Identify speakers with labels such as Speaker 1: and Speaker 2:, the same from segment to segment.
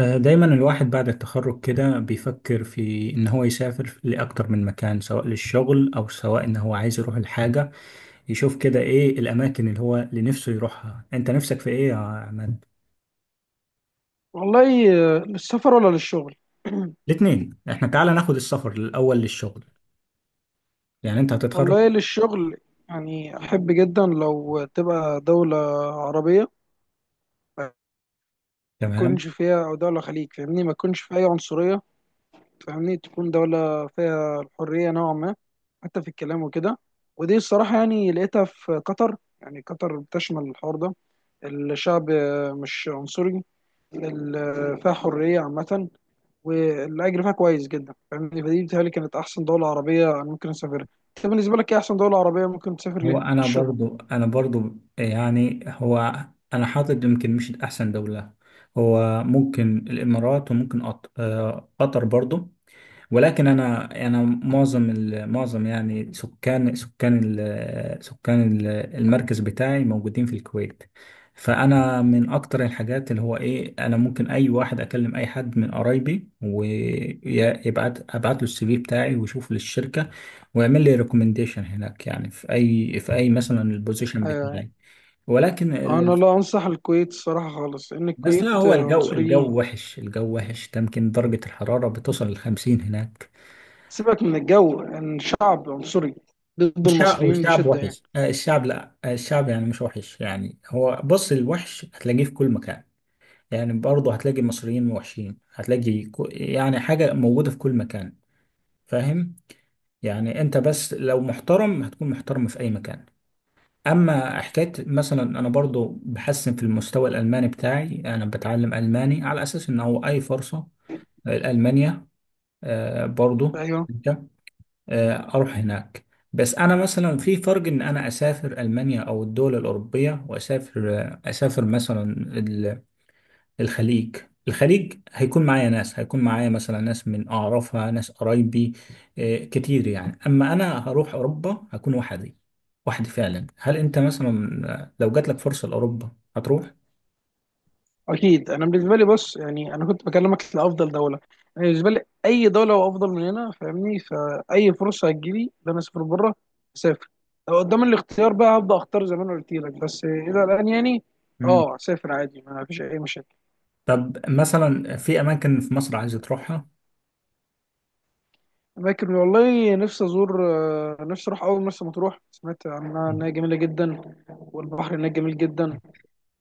Speaker 1: دايما الواحد بعد التخرج كده بيفكر في إن هو يسافر لأكتر من مكان، سواء للشغل أو سواء إن هو عايز يروح الحاجة يشوف كده إيه الأماكن اللي هو اللي نفسه يروحها. أنت نفسك في إيه يا عماد؟
Speaker 2: والله. للسفر ولا للشغل؟
Speaker 1: الاتنين. إحنا تعالى ناخد السفر الأول للشغل، يعني أنت هتتخرج.
Speaker 2: والله للشغل. يعني احب جدا لو تبقى دولة عربية ما
Speaker 1: تمام.
Speaker 2: يكونش فيها، او دولة خليج، فاهمني؟ ما يكونش فيها اي عنصرية، فاهمني؟ تكون دولة فيها الحرية نوعا ما، حتى في الكلام وكده. ودي الصراحة يعني لقيتها في قطر. يعني قطر بتشمل الحوار ده. الشعب مش عنصري. فيها حرية عامة والاجر فيها كويس جدا، فاهمني؟ فدي بتهيألي كانت احسن دوله عربيه انا ممكن اسافرها. انت بالنسبه لك ايه احسن دوله عربيه ممكن تسافر
Speaker 1: هو
Speaker 2: ليها
Speaker 1: أنا
Speaker 2: للشغل؟
Speaker 1: برضو أنا برضو يعني هو أنا حاطط يمكن مش أحسن دولة. هو ممكن الإمارات وممكن قطر برضو. ولكن انا معظم يعني سكان المركز بتاعي موجودين في الكويت. فانا من اكتر الحاجات اللي هو ايه، انا ممكن اي واحد اكلم اي حد من قرايبي ابعت له السي في بتاعي ويشوف للشركه ويعمل لي ريكومنديشن هناك، يعني في اي مثلا البوزيشن
Speaker 2: آه.
Speaker 1: بتاعي. ولكن
Speaker 2: انا
Speaker 1: ال-
Speaker 2: لا انصح الكويت الصراحه خالص. ان
Speaker 1: بس لا،
Speaker 2: الكويت
Speaker 1: هو الجو
Speaker 2: عنصريين.
Speaker 1: الجو وحش. الجو وحش ده، يمكن درجه الحراره بتوصل ل 50 هناك.
Speaker 2: سيبك من الجو، ان يعني الشعب عنصري ضد
Speaker 1: الشعب
Speaker 2: المصريين
Speaker 1: والشعب
Speaker 2: بشده يعني.
Speaker 1: وحش. الشعب لا. الشعب يعني مش وحش، يعني هو بص، الوحش هتلاقيه في كل مكان. يعني برضه هتلاقي المصريين وحشين، هتلاقي يعني حاجة موجودة في كل مكان. فاهم؟ يعني انت بس لو محترم هتكون محترم في اي مكان. اما حكاية مثلا، انا برضه بحسن في المستوى الالماني بتاعي، انا بتعلم الماني على اساس ان هو اي فرصة الالمانيا برضه
Speaker 2: ايوه،
Speaker 1: اروح هناك. بس انا مثلا في فرق ان انا اسافر المانيا او الدول الاوروبيه واسافر آه، اسافر مثلا ال- الخليج. هيكون معايا ناس، هيكون معايا مثلا ناس من اعرفها، ناس قرايبي كتير. يعني اما انا هروح اوروبا هكون وحدي فعلا. هل انت مثلا لو جات لك فرصه لاوروبا هتروح؟
Speaker 2: اكيد. انا بالنسبه لي بص، يعني انا كنت بكلمك لافضل دوله. انا بالنسبه لي اي دوله هو افضل من هنا، فاهمني؟ فاي فرصه هتجيلي ان انا اسافر بره، اسافر. لو قدام الاختيار بقى هبدا اختار زي ما انا قلت لك. بس الى الان يعني
Speaker 1: مم.
Speaker 2: اه اسافر عادي، ما فيش اي مشاكل.
Speaker 1: طب مثلا في اماكن في مصر عايز تروحها؟
Speaker 2: لكن والله نفسي ازور، نفسي اروح اول مرسى مطروح. سمعت عنها انها جميله جدا، والبحر هناك جميل جدا.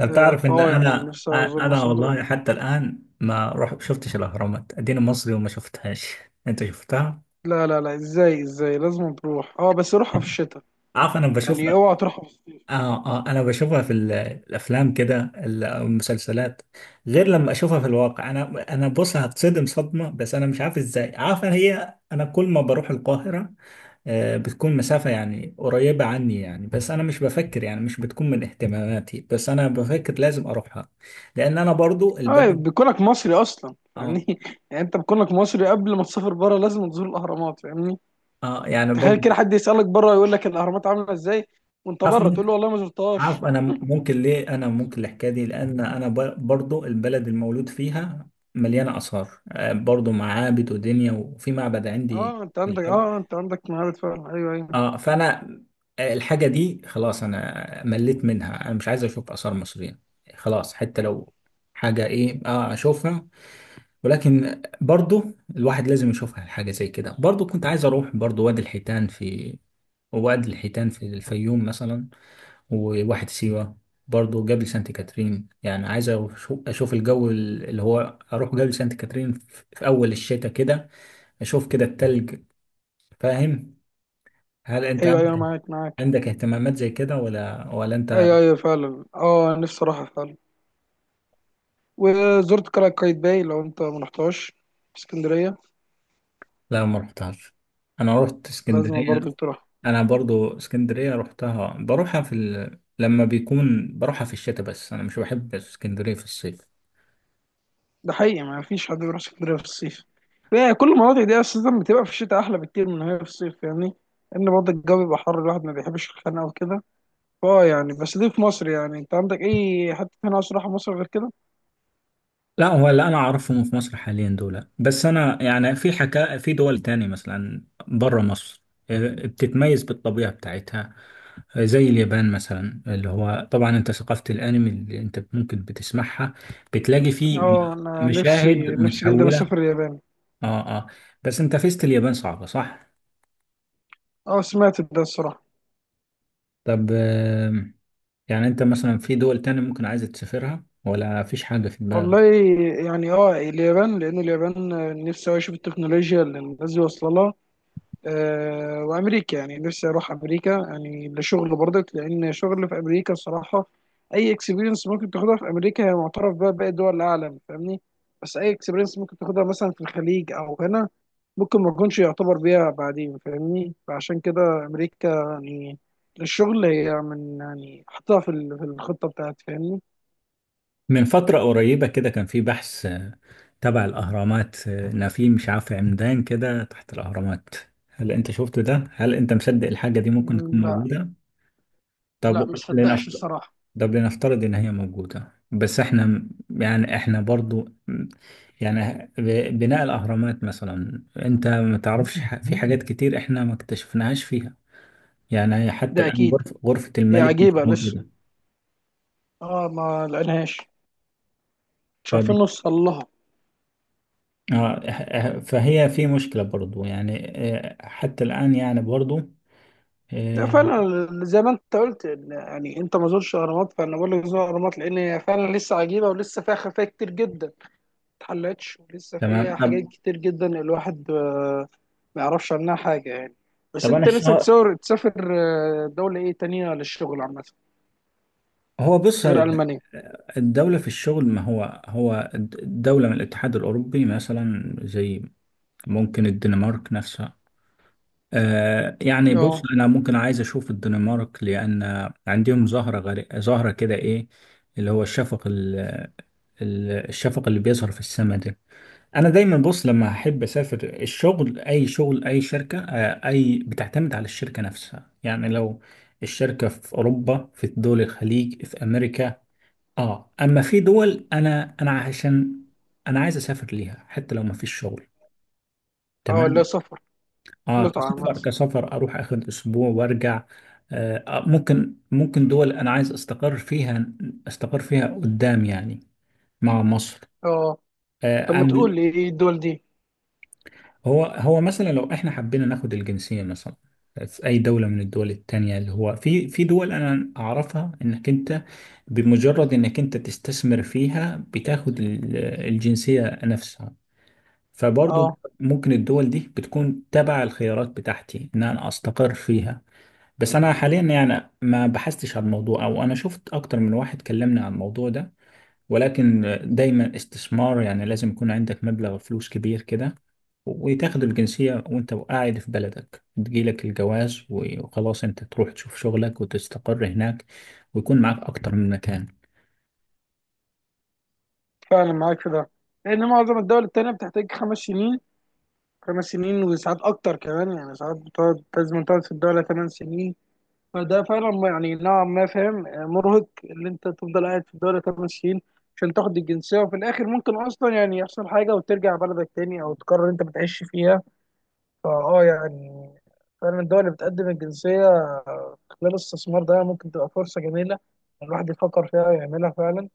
Speaker 1: انت تعرف ان
Speaker 2: فاه يعني
Speaker 1: انا
Speaker 2: نفسي ازور
Speaker 1: انا
Speaker 2: مرسى مطروح.
Speaker 1: والله حتى الان ما رحت شفتش الاهرامات؟ اديني مصري وما شفتهاش. انت شفتها؟
Speaker 2: لا لا لا، ازاي؟ ازاي؟ لازم تروح. اه بس روحها في الشتاء.
Speaker 1: عارف، انا
Speaker 2: يعني
Speaker 1: بشوفها.
Speaker 2: اوعى تروحها.
Speaker 1: انا بشوفها في الافلام كده، او المسلسلات، غير لما اشوفها في الواقع. انا بص، هتصدم صدمه. بس انا مش عارف ازاي، عارف أنا هي، انا كل ما بروح القاهره بتكون مسافه يعني قريبه عني، يعني بس انا مش بفكر، يعني مش بتكون من اهتماماتي. بس انا بفكر لازم اروحها، لان انا برضو
Speaker 2: اه،
Speaker 1: البلد.
Speaker 2: بكونك مصري اصلا
Speaker 1: آه،
Speaker 2: يعني يعني انت بكونك مصري قبل ما تسافر بره لازم تزور الاهرامات، فاهمني؟
Speaker 1: اه يعني
Speaker 2: تخيل
Speaker 1: برضه.
Speaker 2: كده حد يسالك بره يقول لك الاهرامات عامله ازاي، وانت
Speaker 1: عارف
Speaker 2: بره تقول له
Speaker 1: ممكن.
Speaker 2: والله ما
Speaker 1: عارف
Speaker 2: زرتهاش.
Speaker 1: انا ممكن ليه، انا ممكن الحكايه دي لان انا برضه البلد المولود فيها مليانه اثار، برضه معابد ودنيا. وفي معبد عندي
Speaker 2: اه انت
Speaker 1: في
Speaker 2: عندك
Speaker 1: القلب.
Speaker 2: اه انت عندك مهارة فعلا. ايوه ايوه.
Speaker 1: اه فانا الحاجه دي خلاص، انا مليت منها، انا مش عايز اشوف اثار مصريه، خلاص. حتى لو حاجه ايه اشوفها. ولكن برضه الواحد لازم يشوفها حاجه زي كده. برضه كنت عايز اروح برضه وادي الحيتان في الفيوم مثلا، وواحد سيوة. برضه جبل سانت كاترين، يعني عايز أشوف الجو اللي هو، أروح جبل سانت كاترين في أول الشتاء كده، أشوف كده التلج. فاهم؟ هل أنت
Speaker 2: ايوه ايوه
Speaker 1: عندك،
Speaker 2: معاك معاك.
Speaker 1: اهتمامات زي كده ولا أنت؟
Speaker 2: ايوه ايوه فعلا، اه نفسي اروحها فعلا. وزرت قلعه قايتباي، لو انت ما رحتهاش في اسكندريه
Speaker 1: لا ما رحتهاش. أنا رحت اسكندرية.
Speaker 2: لازم برضه تروح.
Speaker 1: أنا برضه اسكندرية رحتها، بروحها في لما بيكون بروحها في الشتاء. بس أنا مش بحب اسكندرية في الصيف.
Speaker 2: ده حقيقي ما فيش حد بيروح اسكندريه في الصيف. يعني كل المناطق دي اساسا بتبقى في الشتاء احلى بكتير من هي في الصيف يعني. لان برضه الجو بيبقى حر، الواحد ما بيحبش الخناقه وكده. اه يعني بس دي في مصر. يعني انت عندك اي حته هنا عاوز تروحها في مصر غير كده؟
Speaker 1: لا، هو اللي انا اعرفهم في مصر حاليا دول بس. انا يعني في في دول تاني مثلا بره مصر، بتتميز بالطبيعة بتاعتها. زي اليابان مثلا، اللي هو طبعا انت ثقافة الانمي اللي انت ممكن بتسمعها، بتلاقي فيه
Speaker 2: اه انا نفسي
Speaker 1: مشاهد
Speaker 2: نفسي جدا
Speaker 1: متحولة.
Speaker 2: اسافر اليابان.
Speaker 1: اه اه بس انت فيست اليابان صعبة، صح؟
Speaker 2: اه سمعت ده الصراحه.
Speaker 1: طب. يعني انت مثلا في دول تاني ممكن عايز تسافرها ولا فيش حاجة في دماغك؟
Speaker 2: والله، يعني اه اليابان، لان اليابان نفسي أوي اشوف التكنولوجيا اللي الناس دي واصله لها. وامريكا يعني نفسي اروح امريكا يعني لشغل برضك. لان شغل في امريكا الصراحه، اي اكسبيرينس ممكن تاخدها في امريكا هي معترف بها باقي دول العالم، فاهمني؟ بس اي اكسبيرينس ممكن تاخدها مثلا في الخليج او هنا ممكن ما تكونش يعتبر بيها بعدين، فاهمني؟ فعشان كده امريكا، يعني للشغل هي من يعني حطها في الخطه بتاعتي، فاهمني؟
Speaker 1: من فترة قريبة كده كان في بحث تبع الأهرامات، إن في مش عارف عمدان كده تحت الأهرامات. هل أنت شفت ده؟ هل أنت مصدق الحاجة دي ممكن
Speaker 2: مم،
Speaker 1: تكون
Speaker 2: لا.
Speaker 1: موجودة؟
Speaker 2: لا
Speaker 1: طب
Speaker 2: ما صدقش
Speaker 1: لنفترض
Speaker 2: الصراحه.
Speaker 1: طب لنفترض إن هي موجودة، بس إحنا يعني إحنا برضو يعني بناء الأهرامات مثلا أنت ما تعرفش، في حاجات كتير إحنا ما اكتشفناهاش فيها. يعني حتى
Speaker 2: ده
Speaker 1: الآن
Speaker 2: اكيد،
Speaker 1: غرفة
Speaker 2: هي
Speaker 1: الملك مش
Speaker 2: عجيبه لسه،
Speaker 1: موجودة.
Speaker 2: اه ما لقيناهاش، مش عارفين نوصل لها.
Speaker 1: آه، فهي في مشكلة برضو يعني. حتى الآن يعني برضو.
Speaker 2: لا
Speaker 1: آه،
Speaker 2: فعلا زي ما انت قلت، يعني انت ما زرتش الاهرامات، فانا بقول لك زور الاهرامات لان هي فعلا لسه عجيبه ولسه فيها خفايا كتير جدا ما اتحلتش، ولسه
Speaker 1: تمام.
Speaker 2: فيها حاجات
Speaker 1: طب.
Speaker 2: كتير جدا الواحد ما يعرفش عنها حاجه يعني. بس
Speaker 1: أنا
Speaker 2: انت نفسك
Speaker 1: الشهر.
Speaker 2: تصور تسافر دوله ايه تانية للشغل عامه
Speaker 1: هو بص،
Speaker 2: غير المانيا؟
Speaker 1: الدولة في الشغل، ما هو دولة من الاتحاد الأوروبي مثلا، زي ممكن الدنمارك نفسها. يعني بص،
Speaker 2: اه
Speaker 1: أنا ممكن عايز أشوف الدنمارك لأن عندهم ظاهرة كده إيه، اللي هو الشفق الشفق اللي بيظهر في السماء ده. انا دايما بص، لما احب اسافر الشغل اي شغل اي شركه اي بتعتمد على الشركه نفسها. يعني لو الشركه في اوروبا، في دول الخليج، في امريكا. اه، اما في دول انا عشان انا عايز اسافر ليها حتى لو ما فيش شغل.
Speaker 2: اه، لا
Speaker 1: تمام.
Speaker 2: سفر،
Speaker 1: اه،
Speaker 2: متعه عامه.
Speaker 1: كسفر اروح اخد اسبوع وارجع. ممكن دول انا عايز استقر فيها، قدام يعني، مع مصر.
Speaker 2: اه طب ما
Speaker 1: أنا
Speaker 2: تقول لي ايه الدول دي.
Speaker 1: هو مثلا لو احنا حبينا ناخد الجنسية مثلا في أي دولة من الدول التانية، اللي هو في دول أنا أعرفها إنك أنت بمجرد إنك أنت تستثمر فيها بتاخد الجنسية نفسها. فبرضو
Speaker 2: اه
Speaker 1: ممكن الدول دي بتكون تبع الخيارات بتاعتي إن أنا أستقر فيها. بس أنا حاليا يعني ما بحثتش على الموضوع، أو أنا شفت أكتر من واحد كلمني عن الموضوع ده. ولكن دايما استثمار يعني لازم يكون عندك مبلغ فلوس كبير كده، وتاخد الجنسية وانت قاعد في بلدك، تجيلك الجواز وخلاص انت تروح تشوف شغلك وتستقر هناك، ويكون معاك أكتر من مكان.
Speaker 2: فعلا معاك في ده. لان معظم الدول التانية بتحتاج 5 سنين. 5 سنين، وساعات اكتر كمان. يعني ساعات بتقعد، لازم تقعد في الدوله 8 سنين. فده فعلا يعني نوعا ما فاهم، مرهق اللي انت تفضل قاعد في الدوله 8 سنين عشان تاخد الجنسيه، وفي الاخر ممكن اصلا يعني يحصل حاجه وترجع بلدك تاني او تقرر انت بتعيش فيها. فاه يعني فعلا الدول اللي بتقدم الجنسيه خلال الاستثمار ده ممكن تبقى فرصه جميله الواحد يفكر فيها ويعملها فعلا.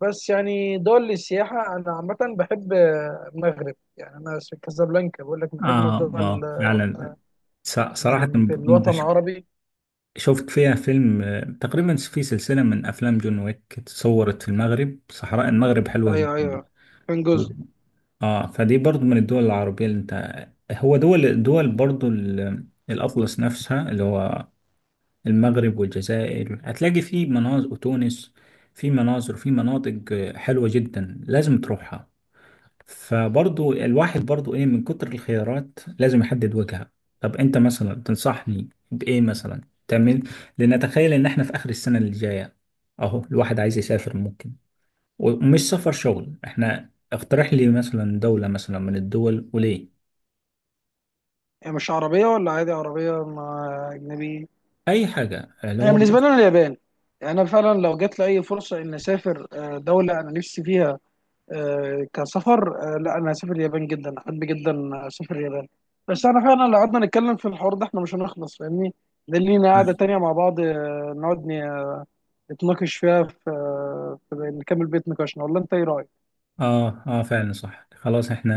Speaker 2: بس يعني دول السياحه انا عامه بحب المغرب. يعني انا في كازابلانكا، بقول لك من اجمل دول
Speaker 1: فعلا. صراحة
Speaker 2: في الوطن العربي.
Speaker 1: شفت فيها فيلم تقريبا في سلسلة من أفلام جون ويك اتصورت في المغرب. صحراء المغرب حلوة
Speaker 2: ايوه ايوه، فين جزء.
Speaker 1: جدا. اه، فدي برضو من الدول العربية اللي انت. هو دول برضو الأطلس نفسها، اللي هو المغرب والجزائر هتلاقي في مناظر، وتونس في مناظر، في مناطق حلوة جدا لازم تروحها. فبرضو الواحد برضو ايه، من كتر الخيارات لازم يحدد وجهة. طب انت مثلا تنصحني بإيه مثلا تعمل؟ لأن أتخيل إن احنا في آخر السنة اللي جاية أهو، الواحد عايز يسافر ممكن، ومش سفر شغل. احنا اقترح لي مثلا دولة مثلا من الدول، وليه؟
Speaker 2: يعني مش عربيه ولا عادي عربيه مع اجنبي؟
Speaker 1: اي حاجة اللي
Speaker 2: انا
Speaker 1: هو.
Speaker 2: بالنسبه لي انا اليابان. يعني انا فعلا لو جات لي اي فرصه ان اسافر دوله انا نفسي فيها، كسفر، لا انا هسافر اليابان، جدا احب جدا اسافر اليابان. بس انا فعلا لو قعدنا نتكلم في الحوار ده احنا مش هنخلص، فاهمني؟ ده لينا قعده تانيه مع بعض نقعد نتناقش فيها في نكمل بيت نقاشنا. ولا انت ايه رايك؟
Speaker 1: اه فعلا، صح، خلاص احنا،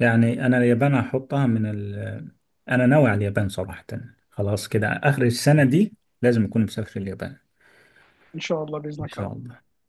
Speaker 1: يعني انا اليابان هحطها من ال. انا ناوي على اليابان صراحة. خلاص كده، اخر السنة دي لازم اكون مسافر اليابان.
Speaker 2: ان شاء الله
Speaker 1: ان
Speaker 2: باذنك يا
Speaker 1: شاء
Speaker 2: رب.
Speaker 1: الله.